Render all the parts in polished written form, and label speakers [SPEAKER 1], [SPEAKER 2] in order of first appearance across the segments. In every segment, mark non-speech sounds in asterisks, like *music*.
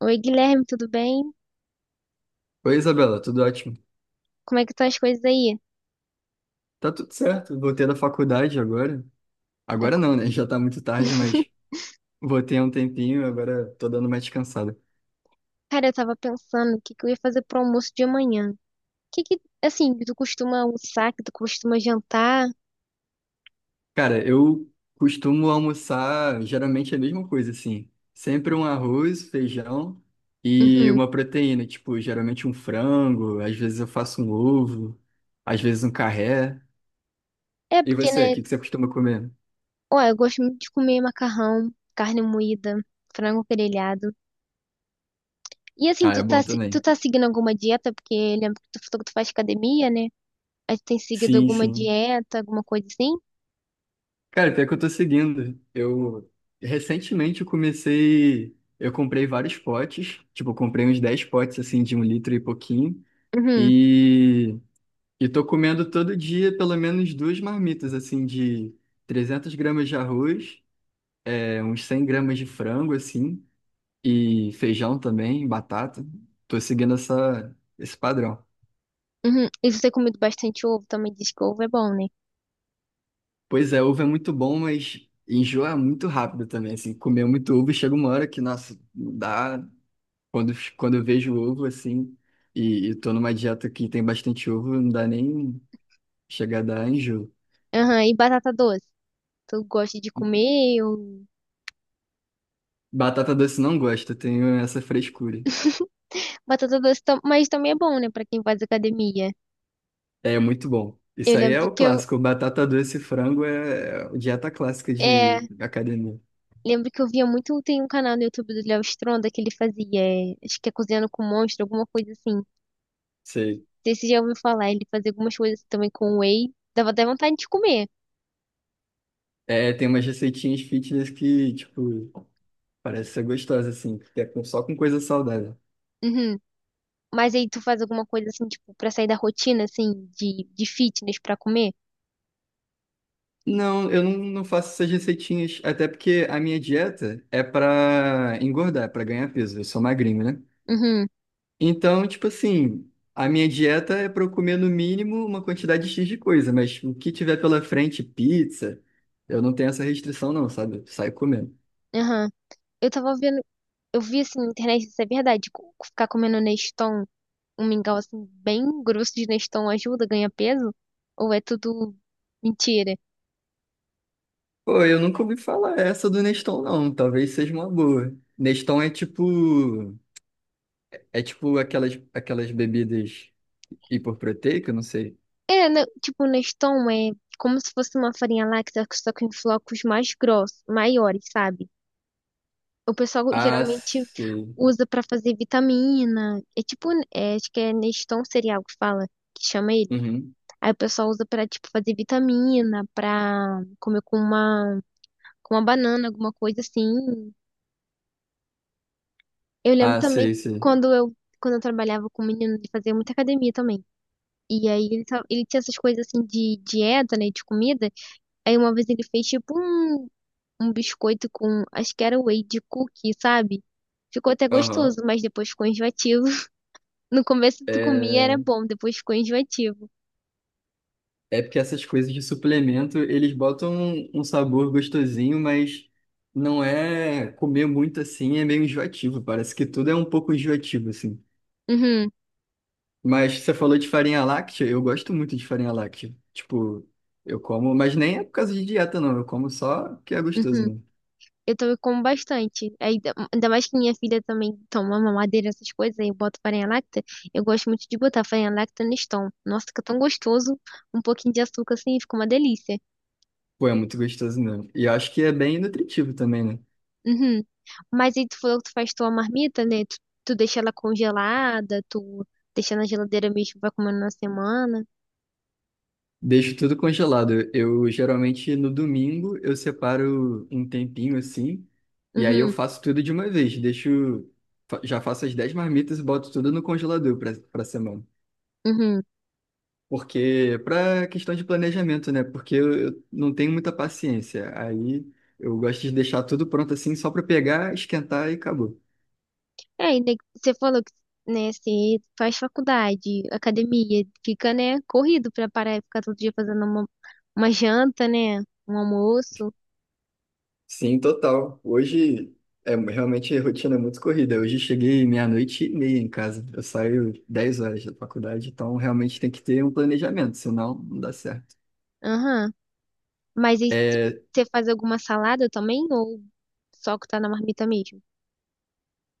[SPEAKER 1] Oi, Guilherme, tudo bem?
[SPEAKER 2] Oi, Isabela, tudo ótimo?
[SPEAKER 1] Como é que estão as coisas aí?
[SPEAKER 2] Tá tudo certo, voltei da faculdade agora.
[SPEAKER 1] Tá
[SPEAKER 2] Agora
[SPEAKER 1] co-
[SPEAKER 2] não, né? *laughs* Já tá muito tarde,
[SPEAKER 1] *laughs*
[SPEAKER 2] mas voltei há um tempinho, agora tô dando uma descansada.
[SPEAKER 1] Cara, eu tava pensando o que que eu ia fazer pro almoço de amanhã. O que que, assim, tu costuma almoçar, que tu costuma jantar?
[SPEAKER 2] Cara, eu costumo almoçar geralmente a mesma coisa, assim. Sempre um arroz, feijão e
[SPEAKER 1] Uhum.
[SPEAKER 2] uma proteína, tipo, geralmente um frango, às vezes eu faço um ovo, às vezes um carré.
[SPEAKER 1] É
[SPEAKER 2] E
[SPEAKER 1] porque,
[SPEAKER 2] você, o
[SPEAKER 1] né?
[SPEAKER 2] que que você costuma comer?
[SPEAKER 1] Ó, eu gosto muito de comer macarrão, carne moída, frango grelhado. E assim,
[SPEAKER 2] Ah,
[SPEAKER 1] tu
[SPEAKER 2] é
[SPEAKER 1] tá,
[SPEAKER 2] bom
[SPEAKER 1] se- tu
[SPEAKER 2] também.
[SPEAKER 1] tá seguindo alguma dieta? Porque lembro que tu falou que tu faz academia, né? Aí tu tem seguido
[SPEAKER 2] Sim,
[SPEAKER 1] alguma
[SPEAKER 2] sim.
[SPEAKER 1] dieta, alguma coisa assim?
[SPEAKER 2] Cara, pior que eu tô seguindo. Eu recentemente eu comecei. Eu comprei vários potes. Tipo, eu comprei uns 10 potes assim de um litro e pouquinho.
[SPEAKER 1] Uhum,
[SPEAKER 2] E, e tô comendo todo dia pelo menos duas marmitas assim de 300 gramas de arroz, uns 100 gramas de frango assim, e feijão também, batata. Tô seguindo esse padrão.
[SPEAKER 1] uhum. E você tem comido bastante ovo, também diz que ovo é bom, né?
[SPEAKER 2] Pois é, ovo é muito bom, mas enjoa muito rápido também, assim. Comer muito ovo chega uma hora que, nossa, não dá. Quando eu vejo ovo, assim, e tô numa dieta que tem bastante ovo, não dá nem chegar a dar enjoo.
[SPEAKER 1] Aham, e batata doce? Tu gosta de comer ou
[SPEAKER 2] Batata doce não gosto, eu tenho essa frescura.
[SPEAKER 1] batata doce, *laughs* mas também é bom, né, pra quem faz academia.
[SPEAKER 2] É muito bom.
[SPEAKER 1] Eu
[SPEAKER 2] Isso aí
[SPEAKER 1] lembro
[SPEAKER 2] é o
[SPEAKER 1] que
[SPEAKER 2] clássico. Batata doce e frango é dieta clássica
[SPEAKER 1] é,
[SPEAKER 2] de academia.
[SPEAKER 1] lembro que eu via muito, tem um canal no YouTube do Léo Stronda que ele fazia, acho que é cozinhando com monstro, alguma coisa assim. Não
[SPEAKER 2] Sei.
[SPEAKER 1] sei se você já ouviu falar, ele fazia algumas coisas assim também com whey, dava até vontade de comer.
[SPEAKER 2] É, tem umas receitinhas fitness que, tipo, parece ser gostosa, assim, que é com- só com coisa saudável.
[SPEAKER 1] Uhum. Mas aí tu faz alguma coisa assim, tipo, pra sair da rotina assim de fitness pra comer?
[SPEAKER 2] Não, eu não faço essas receitinhas, até porque a minha dieta é pra engordar, pra ganhar peso. Eu sou magrinho, né?
[SPEAKER 1] Uhum.
[SPEAKER 2] Então, tipo assim, a minha dieta é para eu comer no mínimo uma quantidade X de coisa, mas o que tiver pela frente, pizza, eu não tenho essa restrição não, sabe? Eu saio comendo.
[SPEAKER 1] Aham. Eu tava vendo, eu vi assim na internet, isso é verdade, ficar comendo Neston, um mingau assim bem grosso de Neston ajuda, ganha peso? Ou é tudo mentira?
[SPEAKER 2] Pô, eu nunca ouvi falar essa do Neston não, talvez seja uma boa. Neston é tipo aquelas bebidas hiperproteicas, não sei.
[SPEAKER 1] É, né, tipo, Neston é como se fosse uma farinha láctea, só que em flocos mais grossos, maiores, sabe? O pessoal
[SPEAKER 2] Ah,
[SPEAKER 1] geralmente
[SPEAKER 2] sei.
[SPEAKER 1] usa pra fazer vitamina. É tipo, é, acho que é Neston cereal que fala, que chama ele.
[SPEAKER 2] Uhum.
[SPEAKER 1] Aí o pessoal usa pra, tipo, fazer vitamina, pra comer com uma banana, alguma coisa assim. Eu lembro
[SPEAKER 2] Ah,
[SPEAKER 1] também
[SPEAKER 2] sei, sei.
[SPEAKER 1] quando eu trabalhava com um menino, ele fazia muita academia também. E aí ele tinha essas coisas assim de dieta, né, de comida. Aí uma vez ele fez tipo um, um biscoito com, acho que era whey de cookie, sabe? Ficou até gostoso,
[SPEAKER 2] Aham.
[SPEAKER 1] mas depois ficou enjoativo. *laughs* No começo tu comia era
[SPEAKER 2] É,
[SPEAKER 1] bom, depois ficou enjoativo.
[SPEAKER 2] É porque essas coisas de suplemento, eles botam um, um sabor gostosinho, mas não é comer muito assim, é meio enjoativo. Parece que tudo é um pouco enjoativo, assim.
[SPEAKER 1] Uhum,
[SPEAKER 2] Mas você falou de farinha láctea, eu gosto muito de farinha láctea. Tipo, eu como, mas nem é por causa de dieta, não. Eu como só porque é gostoso,
[SPEAKER 1] uhum.
[SPEAKER 2] né?
[SPEAKER 1] Eu também como bastante. Ainda mais que minha filha também toma mamadeira, essas coisas, aí eu boto farinha láctea. Eu gosto muito de botar farinha láctea no Neston. Nossa, fica tão gostoso. Um pouquinho de açúcar assim, fica uma delícia.
[SPEAKER 2] Pô, é muito gostoso mesmo. E eu acho que é bem nutritivo também, né?
[SPEAKER 1] Uhum. Mas aí tu falou que tu faz tua marmita, né? Tu deixa ela congelada, tu deixa na geladeira mesmo, vai comendo na semana.
[SPEAKER 2] Deixo tudo congelado. Eu geralmente no domingo eu separo um tempinho assim, e aí eu
[SPEAKER 1] Uhum,
[SPEAKER 2] faço tudo de uma vez. Deixo, já faço as 10 marmitas e boto tudo no congelador para semana.
[SPEAKER 1] uhum.
[SPEAKER 2] Porque para questão de planejamento, né? Porque eu não tenho muita paciência. Aí eu gosto de deixar tudo pronto assim só para pegar, esquentar e acabou.
[SPEAKER 1] É, ainda né, você falou que, né, você faz faculdade, academia, fica, né, corrido pra parar e ficar todo dia fazendo uma janta, né, um almoço.
[SPEAKER 2] Sim, total. Hoje é realmente a rotina é muito corrida. Hoje cheguei meia-noite e meia em casa. Eu saio 10 horas da faculdade, então realmente tem que ter um planejamento, senão não dá certo.
[SPEAKER 1] Aham. Mas aí se-
[SPEAKER 2] É,
[SPEAKER 1] Você faz alguma salada também ou só que tá na marmita mesmo?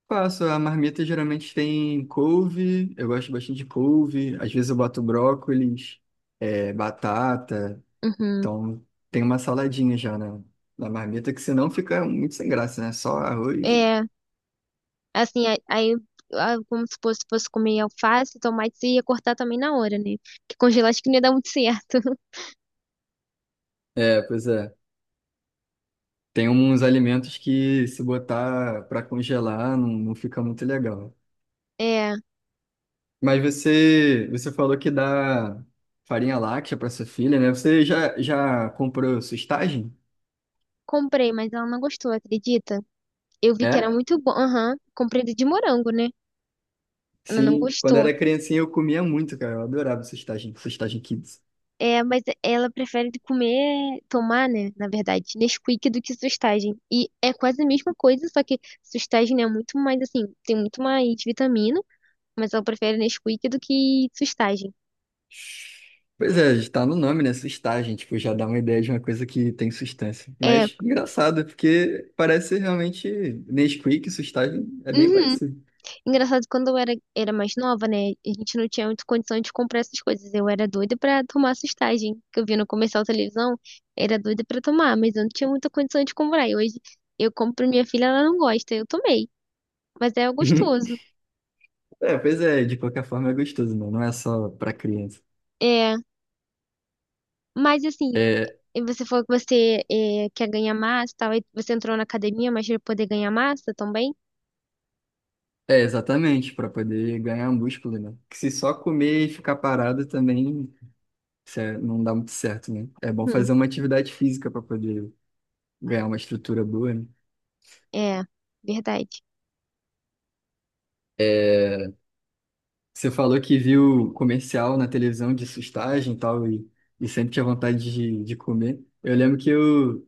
[SPEAKER 2] Faço, a marmita geralmente tem couve, eu gosto bastante de couve, às vezes eu boto brócolis, batata,
[SPEAKER 1] Uhum.
[SPEAKER 2] então tem uma saladinha já na marmita, que senão fica muito sem graça, né? Só arroz.
[SPEAKER 1] É, assim, a- aí, como se fosse, fosse comer alface, tomate, você ia cortar também na hora, né? Porque congelar acho que não ia dar muito certo. *laughs*
[SPEAKER 2] É, pois é. Tem uns alimentos que se botar para congelar não fica muito legal.
[SPEAKER 1] É,
[SPEAKER 2] Mas você falou que dá farinha láctea para sua filha, né? Você já comprou sustagem?
[SPEAKER 1] comprei, mas ela não gostou, acredita? Eu vi que era
[SPEAKER 2] É?
[SPEAKER 1] muito bom. Aham, comprei de morango, né? Ela não
[SPEAKER 2] Sim. Quando
[SPEAKER 1] gostou.
[SPEAKER 2] era criancinha eu comia muito, cara. Eu adorava sustagem, sustagem kids.
[SPEAKER 1] É, mas ela prefere comer, tomar, né? Na verdade, Nesquik do que sustagem. E é quase a mesma coisa, só que sustagem é muito mais assim, tem muito mais vitamina, mas ela prefere Nesquik do que sustagem.
[SPEAKER 2] Pois é, está no nome, né? Sustagem, tipo, já dá uma ideia de uma coisa que tem sustância.
[SPEAKER 1] É,
[SPEAKER 2] Mas engraçado, porque parece realmente Nesquik, sustagem é bem
[SPEAKER 1] uhum.
[SPEAKER 2] parecido.
[SPEAKER 1] Engraçado, quando era mais nova, né? A gente não tinha muita condição de comprar essas coisas. Eu era doida pra tomar sustagem, que eu via no comercial televisão, era doida pra tomar, mas eu não tinha muita condição de comprar. E hoje eu compro pra minha filha, ela não gosta, eu tomei. Mas é
[SPEAKER 2] *laughs*
[SPEAKER 1] gostoso.
[SPEAKER 2] É, pois é, de qualquer forma é gostoso, né? Não é só pra criança.
[SPEAKER 1] É, mas assim,
[SPEAKER 2] É,
[SPEAKER 1] e você falou que quer ganhar massa e tal, aí você entrou na academia, mas para poder ganhar massa também?
[SPEAKER 2] é exatamente, pra poder ganhar um músculo, né? Que se só comer e ficar parado também não dá muito certo, né? É bom
[SPEAKER 1] Uhum,
[SPEAKER 2] fazer uma atividade física pra poder ganhar uma estrutura boa, né?
[SPEAKER 1] é, verdade.
[SPEAKER 2] É, você falou que viu comercial na televisão de sustagem e tal, e sempre tinha vontade de comer. Eu lembro que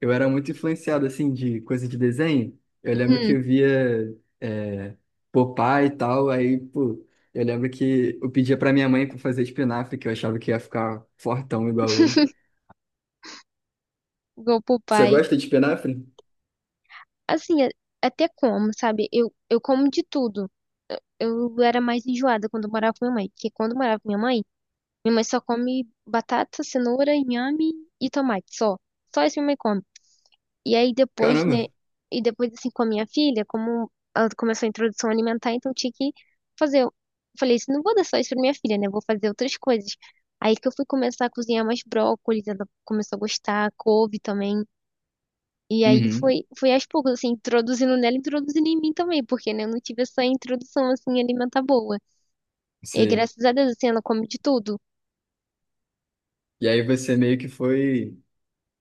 [SPEAKER 2] eu era muito influenciado, assim, de coisa de desenho. Eu lembro que
[SPEAKER 1] Uhum.
[SPEAKER 2] eu via Popeye e tal, aí, pô, eu lembro que eu pedia pra minha mãe pra fazer espinafre, que eu achava que ia ficar fortão igual ele.
[SPEAKER 1] *laughs* Igual pro
[SPEAKER 2] Você
[SPEAKER 1] pai.
[SPEAKER 2] gosta de espinafre?
[SPEAKER 1] Assim, a- Até como, sabe? Eu como de tudo. Eu era mais enjoada quando eu morava com minha mãe, porque quando eu morava com minha mãe só come batata, cenoura, inhame e tomate, só. Só isso minha mãe come. E aí depois,
[SPEAKER 2] Caramba!
[SPEAKER 1] né? E depois, assim, com a minha filha, como ela começou a introdução alimentar, então eu tinha que fazer. Eu falei assim, não vou dar só isso pra minha filha, né? Vou fazer outras coisas. Aí que eu fui começar a cozinhar mais brócolis, ela começou a gostar, couve também. E aí
[SPEAKER 2] Uhum,
[SPEAKER 1] foi, foi aos poucos, assim, introduzindo nela, introduzindo em mim também, porque, né, eu não tive essa introdução, assim, alimentar boa. E aí,
[SPEAKER 2] sei.
[SPEAKER 1] graças a Deus, assim, ela come de tudo.
[SPEAKER 2] E aí você meio que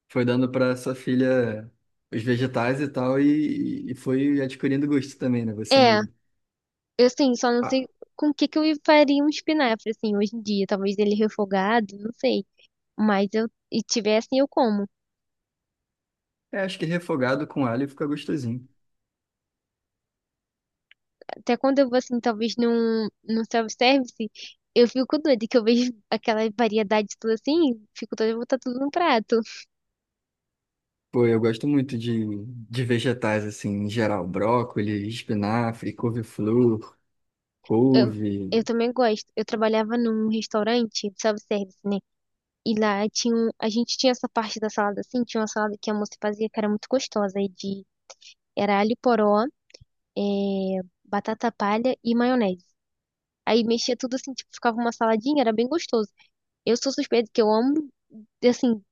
[SPEAKER 2] foi dando pra sua filha os vegetais e tal, e foi adquirindo gosto também, né? Você
[SPEAKER 1] É,
[SPEAKER 2] mesmo.
[SPEAKER 1] eu, assim, só não sei
[SPEAKER 2] Ah,
[SPEAKER 1] com o que que eu faria um espinafre, assim, hoje em dia. Talvez ele refogado, não sei. Mas eu, e tiver assim, eu como.
[SPEAKER 2] é, acho que refogado com alho fica gostosinho.
[SPEAKER 1] Até quando eu vou, assim, talvez num self-service, eu fico doida, que eu vejo *laughs* aquela variedade tudo assim, fico doida, eu vou botar tudo no prato.
[SPEAKER 2] Pô, eu gosto muito de vegetais, assim, em geral. Brócolis, espinafre, couve-flor,
[SPEAKER 1] Eu,
[SPEAKER 2] couve.
[SPEAKER 1] eu também gosto. Eu trabalhava num restaurante, self-service, né? E lá tinha, a gente tinha essa parte da salada, assim, tinha uma salada que a moça fazia que era muito gostosa, era alho poró, é, batata palha e maionese. Aí mexia tudo assim, tipo, ficava uma saladinha, era bem gostoso. Eu sou suspeita que eu amo, assim,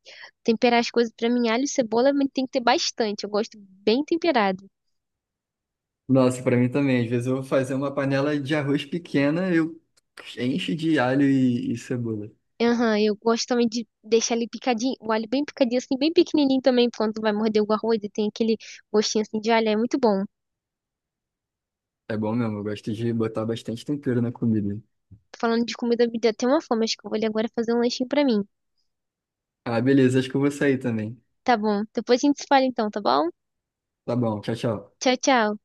[SPEAKER 1] temperar as coisas pra mim, alho e cebola, mas tem que ter bastante. Eu gosto bem temperado.
[SPEAKER 2] Nossa, pra mim também. Às vezes eu vou fazer uma panela de arroz pequena, eu encho de alho e cebola.
[SPEAKER 1] Aham, eu gosto também de deixar ele picadinho, o alho bem picadinho, assim, bem pequenininho também, quando vai morder o arroz e tem aquele gostinho assim de alho, é muito bom.
[SPEAKER 2] É bom mesmo, eu gosto de botar bastante tempero na comida.
[SPEAKER 1] Falando de comida, me deu até uma fome, acho que eu vou ali agora fazer um lanchinho pra mim.
[SPEAKER 2] Ah, beleza, acho que eu vou sair também.
[SPEAKER 1] Tá bom, depois a gente se fala então, tá bom?
[SPEAKER 2] Tá bom, tchau, tchau.
[SPEAKER 1] Tchau, tchau.